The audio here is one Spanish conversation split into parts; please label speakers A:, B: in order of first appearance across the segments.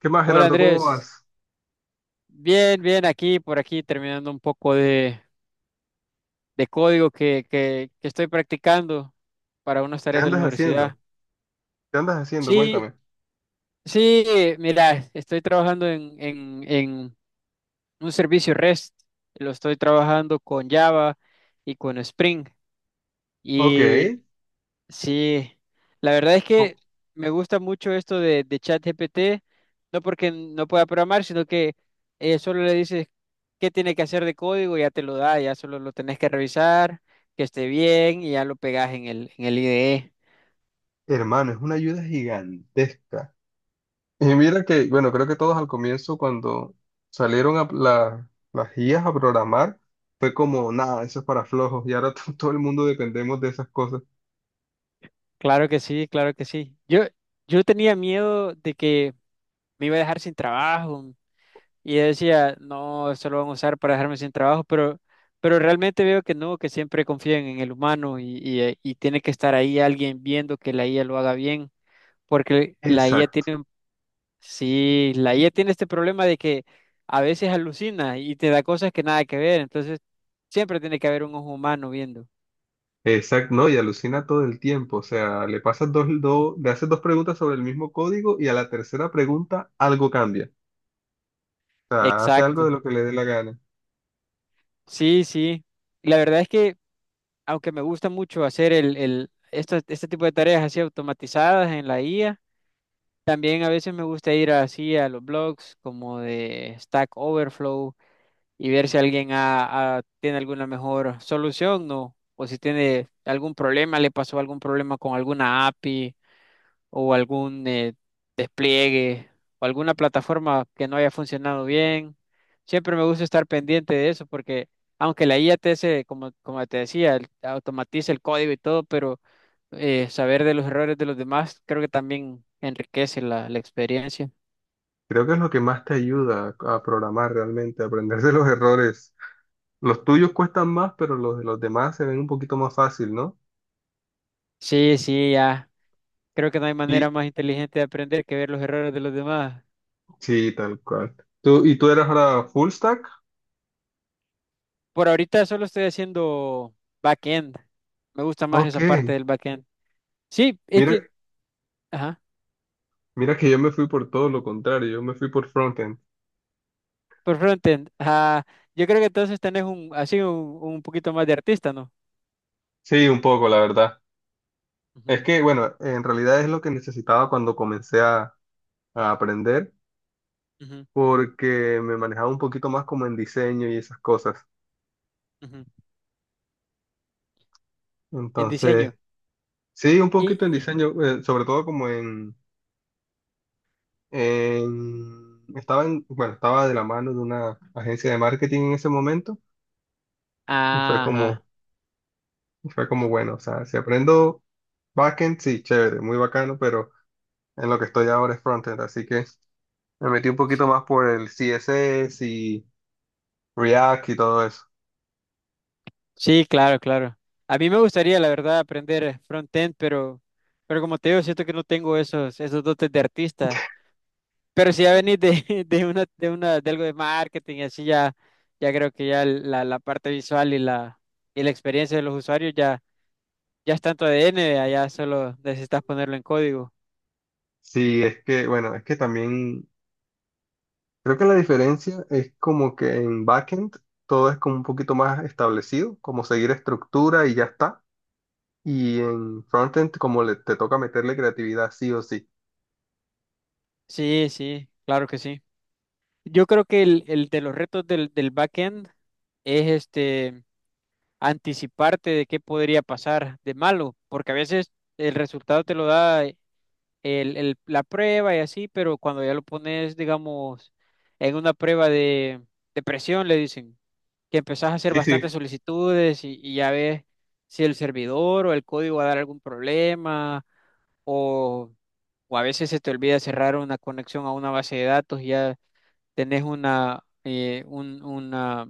A: ¿Qué más,
B: Hola
A: Gerardo? ¿Cómo
B: Andrés,
A: vas?
B: bien, bien aquí, por aquí, terminando un poco de código que estoy practicando para unas
A: ¿Qué
B: tareas de la
A: andas
B: universidad.
A: haciendo? ¿Qué andas haciendo?
B: Sí,
A: Cuéntame.
B: sí, mira, estoy trabajando en un servicio REST, lo estoy trabajando con Java y con Spring.
A: Ok.
B: Y Sí, la verdad es
A: Oh,
B: que me gusta mucho esto de ChatGPT, no porque no pueda programar, sino que solo le dices qué tiene que hacer de código, y ya te lo da, ya solo lo tenés que revisar, que esté bien y ya lo pegas en el IDE.
A: hermano, es una ayuda gigantesca. Y mira que, bueno, creo que todos al comienzo, cuando las guías a programar, fue como, nada, eso es para flojos. Y ahora todo el mundo dependemos de esas cosas.
B: Claro que sí, claro que sí. Yo tenía miedo de que me iba a dejar sin trabajo. Y yo decía, no, esto lo van a usar para dejarme sin trabajo, pero realmente veo que no, que siempre confían en el humano y tiene que estar ahí alguien viendo que la IA lo haga bien, porque la IA
A: Exacto.
B: tiene, sí, la IA tiene este problema de que a veces alucina y te da cosas que nada que ver, entonces siempre tiene que haber un ojo humano viendo.
A: Exacto, no, y alucina todo el tiempo. O sea, le pasas dos, le haces dos preguntas sobre el mismo código y a la tercera pregunta algo cambia. O sea, hace algo
B: Exacto.
A: de lo que le dé la gana.
B: Sí, sí. La verdad es que, aunque me gusta mucho hacer este tipo de tareas así automatizadas en la IA. También a veces me gusta ir así a los blogs como de Stack Overflow y ver si alguien tiene alguna mejor solución, ¿no? O si tiene algún problema, le pasó algún problema con alguna API o algún despliegue o alguna plataforma que no haya funcionado bien. Siempre me gusta estar pendiente de eso porque aunque la IA te hace, como te decía, automatiza el código y todo, pero saber de los errores de los demás creo que también enriquece la experiencia.
A: Creo que es lo que más te ayuda a programar realmente, a aprenderse los errores. Los tuyos cuestan más, pero los de los demás se ven un poquito más fácil, ¿no?
B: Sí, sí, ya. Creo que no hay
A: Y
B: manera más inteligente de aprender que ver los errores de los demás.
A: sí, tal cual. ¿Tú, y tú eras ahora full stack?
B: Por ahorita solo estoy haciendo backend. Me gusta más
A: Ok.
B: esa parte del backend. Sí, es
A: Mira,
B: que, ajá.
A: mira que yo me fui por todo lo contrario, yo me fui por frontend.
B: Por frontend, ah, yo creo que entonces tenés así un poquito más de artista, ¿no?
A: Sí, un poco, la verdad. Es
B: Ujú,
A: que, bueno, en realidad es lo que necesitaba cuando a aprender,
B: ujú,
A: porque me manejaba un poquito más como en diseño y esas cosas.
B: ujú. En diseño.
A: Entonces, sí, un poquito
B: Y,
A: en diseño, sobre todo como en- estaba en- bueno, estaba de la mano de una agencia de marketing en ese momento y
B: ajá,
A: y fue como bueno, o sea, si aprendo backend, sí, chévere, muy bacano, pero en lo que estoy ahora es frontend, así que me metí un poquito más por el CSS y React y todo eso.
B: sí, claro, claro. A mí me gustaría, la verdad, aprender frontend, pero como te digo, siento que no tengo esos dotes de artista. Pero si ya venís de algo de marketing y así ya creo que ya la parte visual y la experiencia de los usuarios ya, ya es tanto ADN, ya solo necesitas ponerlo en código.
A: Sí, es que, bueno, es que también creo que la diferencia es como que en backend todo es como un poquito más establecido, como seguir estructura y ya está. Y en frontend, te toca meterle creatividad, sí o sí.
B: Sí, sí, claro que sí. Yo creo que el de los retos del backend es este anticiparte de qué podría pasar de malo, porque a veces el resultado te lo da la prueba y así, pero cuando ya lo pones, digamos, en una prueba de presión, le dicen que empezás a hacer
A: Sí, sí.
B: bastantes solicitudes y ya ves si el servidor o el código va a dar algún problema o, o a veces se te olvida cerrar una conexión a una base de datos y ya tenés una, eh, un- una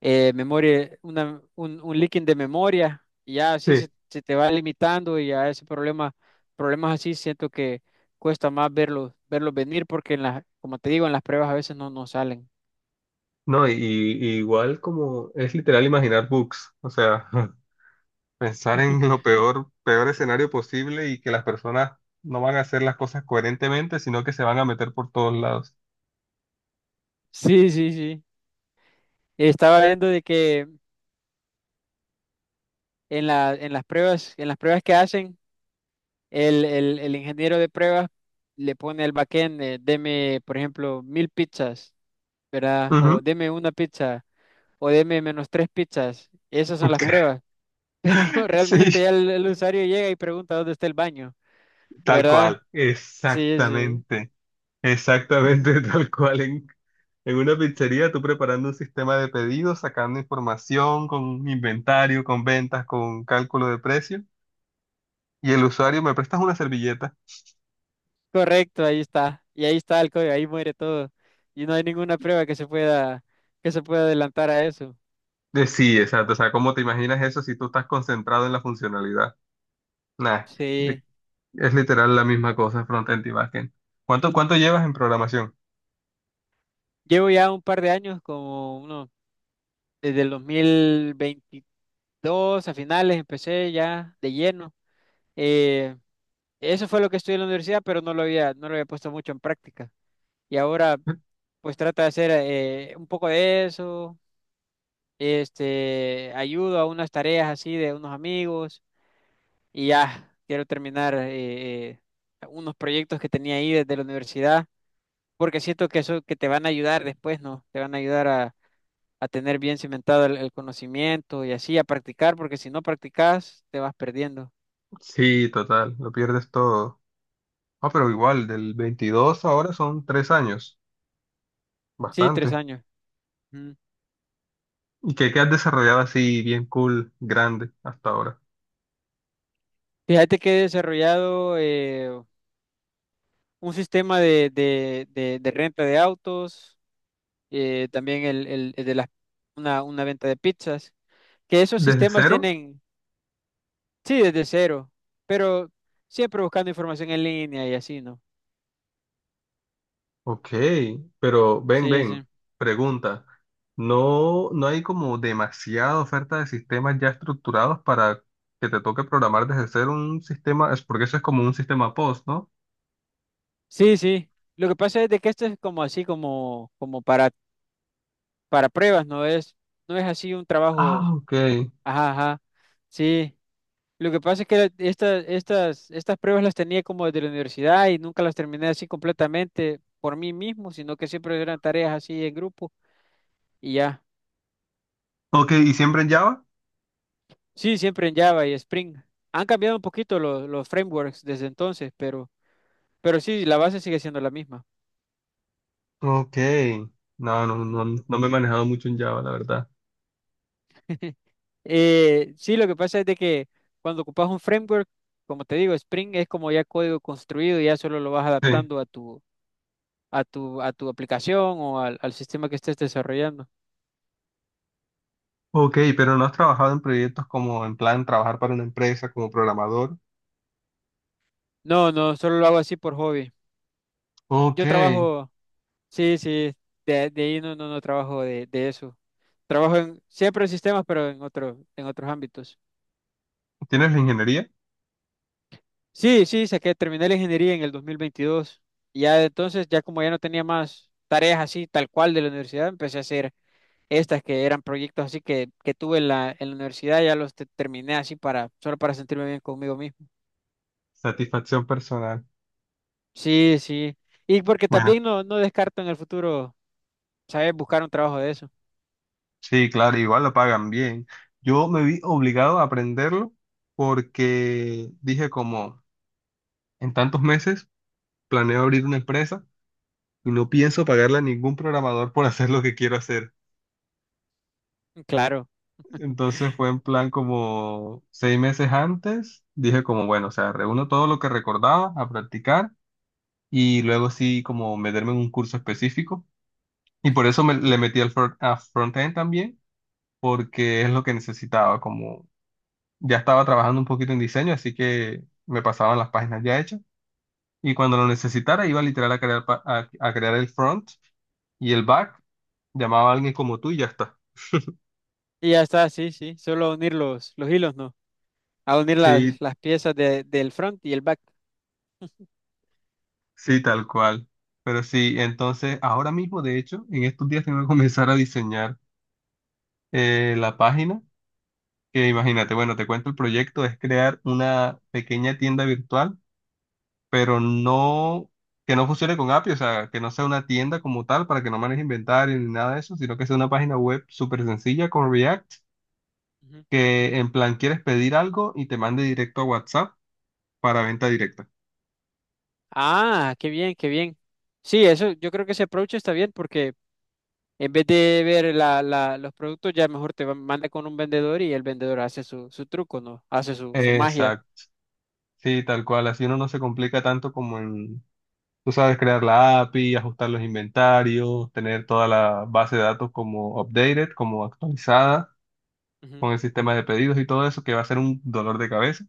B: eh, memoria, un leaking de memoria, y ya así
A: Sí,
B: se te va limitando y a ese problema, problemas así siento que cuesta más verlos, venir porque en las, como te digo, en las pruebas a veces no salen.
A: no, y igual como es literal imaginar bugs, o sea, pensar en lo peor escenario posible y que las personas no van a hacer las cosas coherentemente, sino que se van a meter por todos lados.
B: Sí, sí, sí. Estaba viendo de que en las pruebas que hacen, el ingeniero de pruebas le pone al backend, deme, por ejemplo, 1.000 pizzas, ¿verdad?
A: Ujú.
B: O deme una pizza. O deme menos tres pizzas. Esas son las pruebas. Pero
A: Sí,
B: realmente ya el usuario llega y pregunta dónde está el baño,
A: tal
B: ¿verdad?
A: cual,
B: Sí, sí.
A: exactamente, exactamente tal cual, en una pizzería, tú preparando un sistema de pedidos, sacando información con un inventario, con ventas, con cálculo de precio, y el usuario, ¿me prestas una servilleta?
B: Correcto, ahí está. Y ahí está el código, ahí muere todo. Y no hay ninguna prueba que se pueda adelantar a eso.
A: De sí, exacto. O sea, ¿cómo te imaginas eso si tú estás concentrado en la funcionalidad? Nah,
B: Sí.
A: de- es literal la misma cosa, frontend y backend. ¿Cuánto llevas en programación?
B: Llevo ya un par de años, como uno, desde el 2022 a finales empecé ya de lleno. Eh, eso fue lo que estudié en la universidad, pero no lo había puesto mucho en práctica. Y ahora pues trata de hacer un poco de eso, este, ayudo a unas tareas así de unos amigos y ya quiero terminar unos proyectos que tenía ahí desde la universidad, porque siento que eso que te van a ayudar después, ¿no? Te van a ayudar a tener bien cimentado el conocimiento y así a practicar, porque si no practicas te vas perdiendo.
A: Sí, total, lo pierdes todo. Ah, pero igual, del 22 ahora son 3 años,
B: Sí, tres
A: bastante.
B: años. Ujú.
A: ¿Y qué has desarrollado así bien cool, grande, hasta ahora?
B: Fíjate que he desarrollado un sistema de renta de autos también una venta de pizzas, que esos
A: ¿Desde
B: sistemas
A: cero?
B: tienen, sí, desde cero, pero siempre buscando información en línea y así, ¿no?
A: Ok, pero ven,
B: Sí, sí.
A: ven, pregunta. ¿No hay como demasiada oferta de sistemas ya estructurados para que te toque programar desde cero un sistema? Es porque eso es como un sistema post, ¿no?
B: Sí, sí. Lo que pasa es de que esto es como así, como para pruebas, no es así un trabajo,
A: Ah, ok.
B: ajá, ajá. Sí. Lo que pasa es que estas pruebas las tenía como desde la universidad y nunca las terminé así completamente por mí mismo, sino que siempre eran tareas así en grupo y ya.
A: Ok, ¿y siempre en Java?
B: Sí, siempre en Java y Spring. Han cambiado un poquito los frameworks desde entonces, pero sí, la base sigue siendo la misma.
A: Ok. No, no, no,
B: Ujú.
A: no me he manejado mucho en Java, la verdad.
B: Sí, lo que pasa es de que cuando ocupas un framework, como te digo, Spring es como ya código construido, ya solo lo vas
A: Sí.
B: adaptando a tu aplicación o al sistema que estés desarrollando.
A: Ok, pero no has trabajado en proyectos como en plan trabajar para una empresa como programador.
B: No, no, solo lo hago así por hobby.
A: Ok.
B: Yo trabajo, sí, sí, de ahí no, no, no trabajo de eso. Trabajo siempre en sistemas, pero en otros ámbitos.
A: ¿Tienes la ingeniería?
B: Sí, sí, terminé la ingeniería en el 2022. Y ya de entonces, ya como ya no tenía más tareas así, tal cual de la universidad, empecé a hacer estas que eran proyectos así que tuve en la universidad, ya terminé así solo para sentirme bien conmigo mismo.
A: Satisfacción personal.
B: Sí, sí. Y porque
A: Bueno.
B: también no descarto en el futuro, ¿sabes? Buscar un trabajo de eso.
A: Sí, claro, igual lo pagan bien. Yo me vi obligado a aprenderlo porque dije como en tantos meses planeo abrir una empresa y no pienso pagarle a ningún programador por hacer lo que quiero hacer.
B: Claro.
A: Entonces fue en plan como 6 meses antes, dije como bueno, o sea, reúno todo lo que recordaba a practicar y luego sí como meterme en un curso específico. Y
B: Ujú.
A: por eso le metí a frontend también, porque es lo que necesitaba. Ya estaba trabajando un poquito en diseño, así que me pasaban las páginas ya hechas. Y cuando lo necesitara, iba literal a a crear el front y el back. Llamaba a alguien como tú y ya está.
B: Y ya está, sí, sí. Solo unir los hilos, ¿no? A unir
A: Sí,
B: las piezas del front y el back.
A: sí, tal cual. Pero sí, entonces ahora mismo, de hecho, en estos días tengo que comenzar a diseñar la página. Que
B: Ujú,
A: imagínate, bueno, te cuento el proyecto, es crear una pequeña tienda virtual pero no, que no funcione con API, o sea, que no sea una tienda como tal para que no maneje inventario ni nada de eso, sino que sea una página web súper sencilla con React,
B: ujú.
A: que en plan quieres pedir algo y te mande directo a WhatsApp para venta directa.
B: Ah, qué bien, qué bien. Sí, eso, yo creo que ese approach está bien porque en vez de ver los productos, ya mejor manda con un vendedor y el vendedor hace su truco, ¿no? Hace su magia.
A: Exacto, sí, tal cual, así uno no se complica tanto como en, tú sabes, crear la API, ajustar los inventarios, tener toda la base de datos como updated, como actualizada,
B: Ujú,
A: con el sistema de pedidos y todo eso, que va a ser un dolor de cabeza,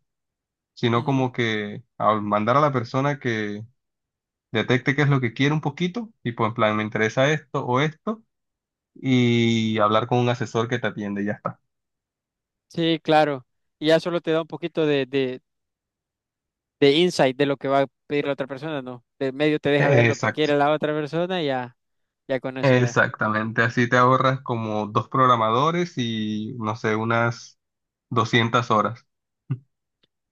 A: sino
B: ujú.
A: como que al mandar a la persona que detecte qué es lo que quiere un poquito, y pues en plan, me interesa esto o esto, y hablar con un asesor que te atiende y ya está.
B: Sí, claro. Y ya solo te da un poquito de insight de lo que va a pedir la otra persona, ¿no? De medio te deja ver lo que
A: Exacto.
B: quiere la otra persona y ya con eso ya.
A: Exactamente, así te ahorras como dos programadores y no sé, unas 200 horas.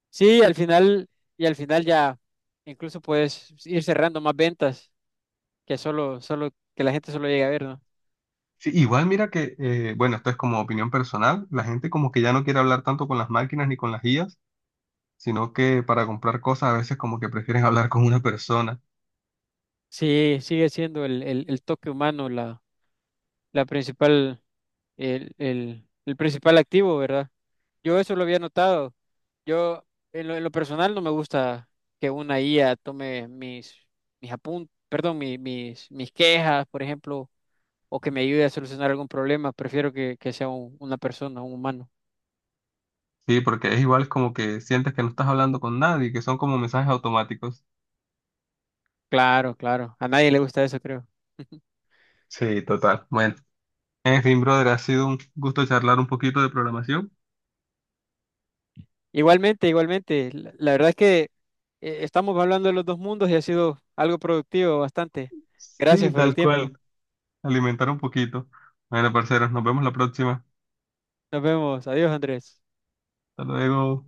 B: Sí, y al final ya incluso puedes ir cerrando más ventas que que la gente solo llegue a ver, ¿no?
A: Sí, igual mira que, bueno, esto es como opinión personal, la gente como que ya no quiere hablar tanto con las máquinas ni con las guías, sino que para comprar cosas a veces como que prefieren hablar con una persona.
B: Sí, sigue siendo el toque humano la principal, el principal activo, ¿verdad? Yo eso lo había notado. Yo, en lo personal, no me gusta que una IA tome perdón, mis quejas, por ejemplo, o que me ayude a solucionar algún problema. Prefiero que sea una persona, un humano.
A: Sí, porque es igual como que sientes que no estás hablando con nadie, que son como mensajes automáticos.
B: Claro, claro. A nadie le gusta eso, creo.
A: Sí, total. Bueno, en fin, brother, ha sido un gusto charlar un poquito de programación.
B: Igualmente, igualmente. La verdad es que estamos hablando de los dos mundos y ha sido algo productivo bastante.
A: Sí,
B: Gracias por el
A: tal
B: tiempo.
A: cual, alimentar un poquito. Bueno, parceros, nos vemos la próxima.
B: Nos vemos. Adiós, Andrés.
A: Hasta luego.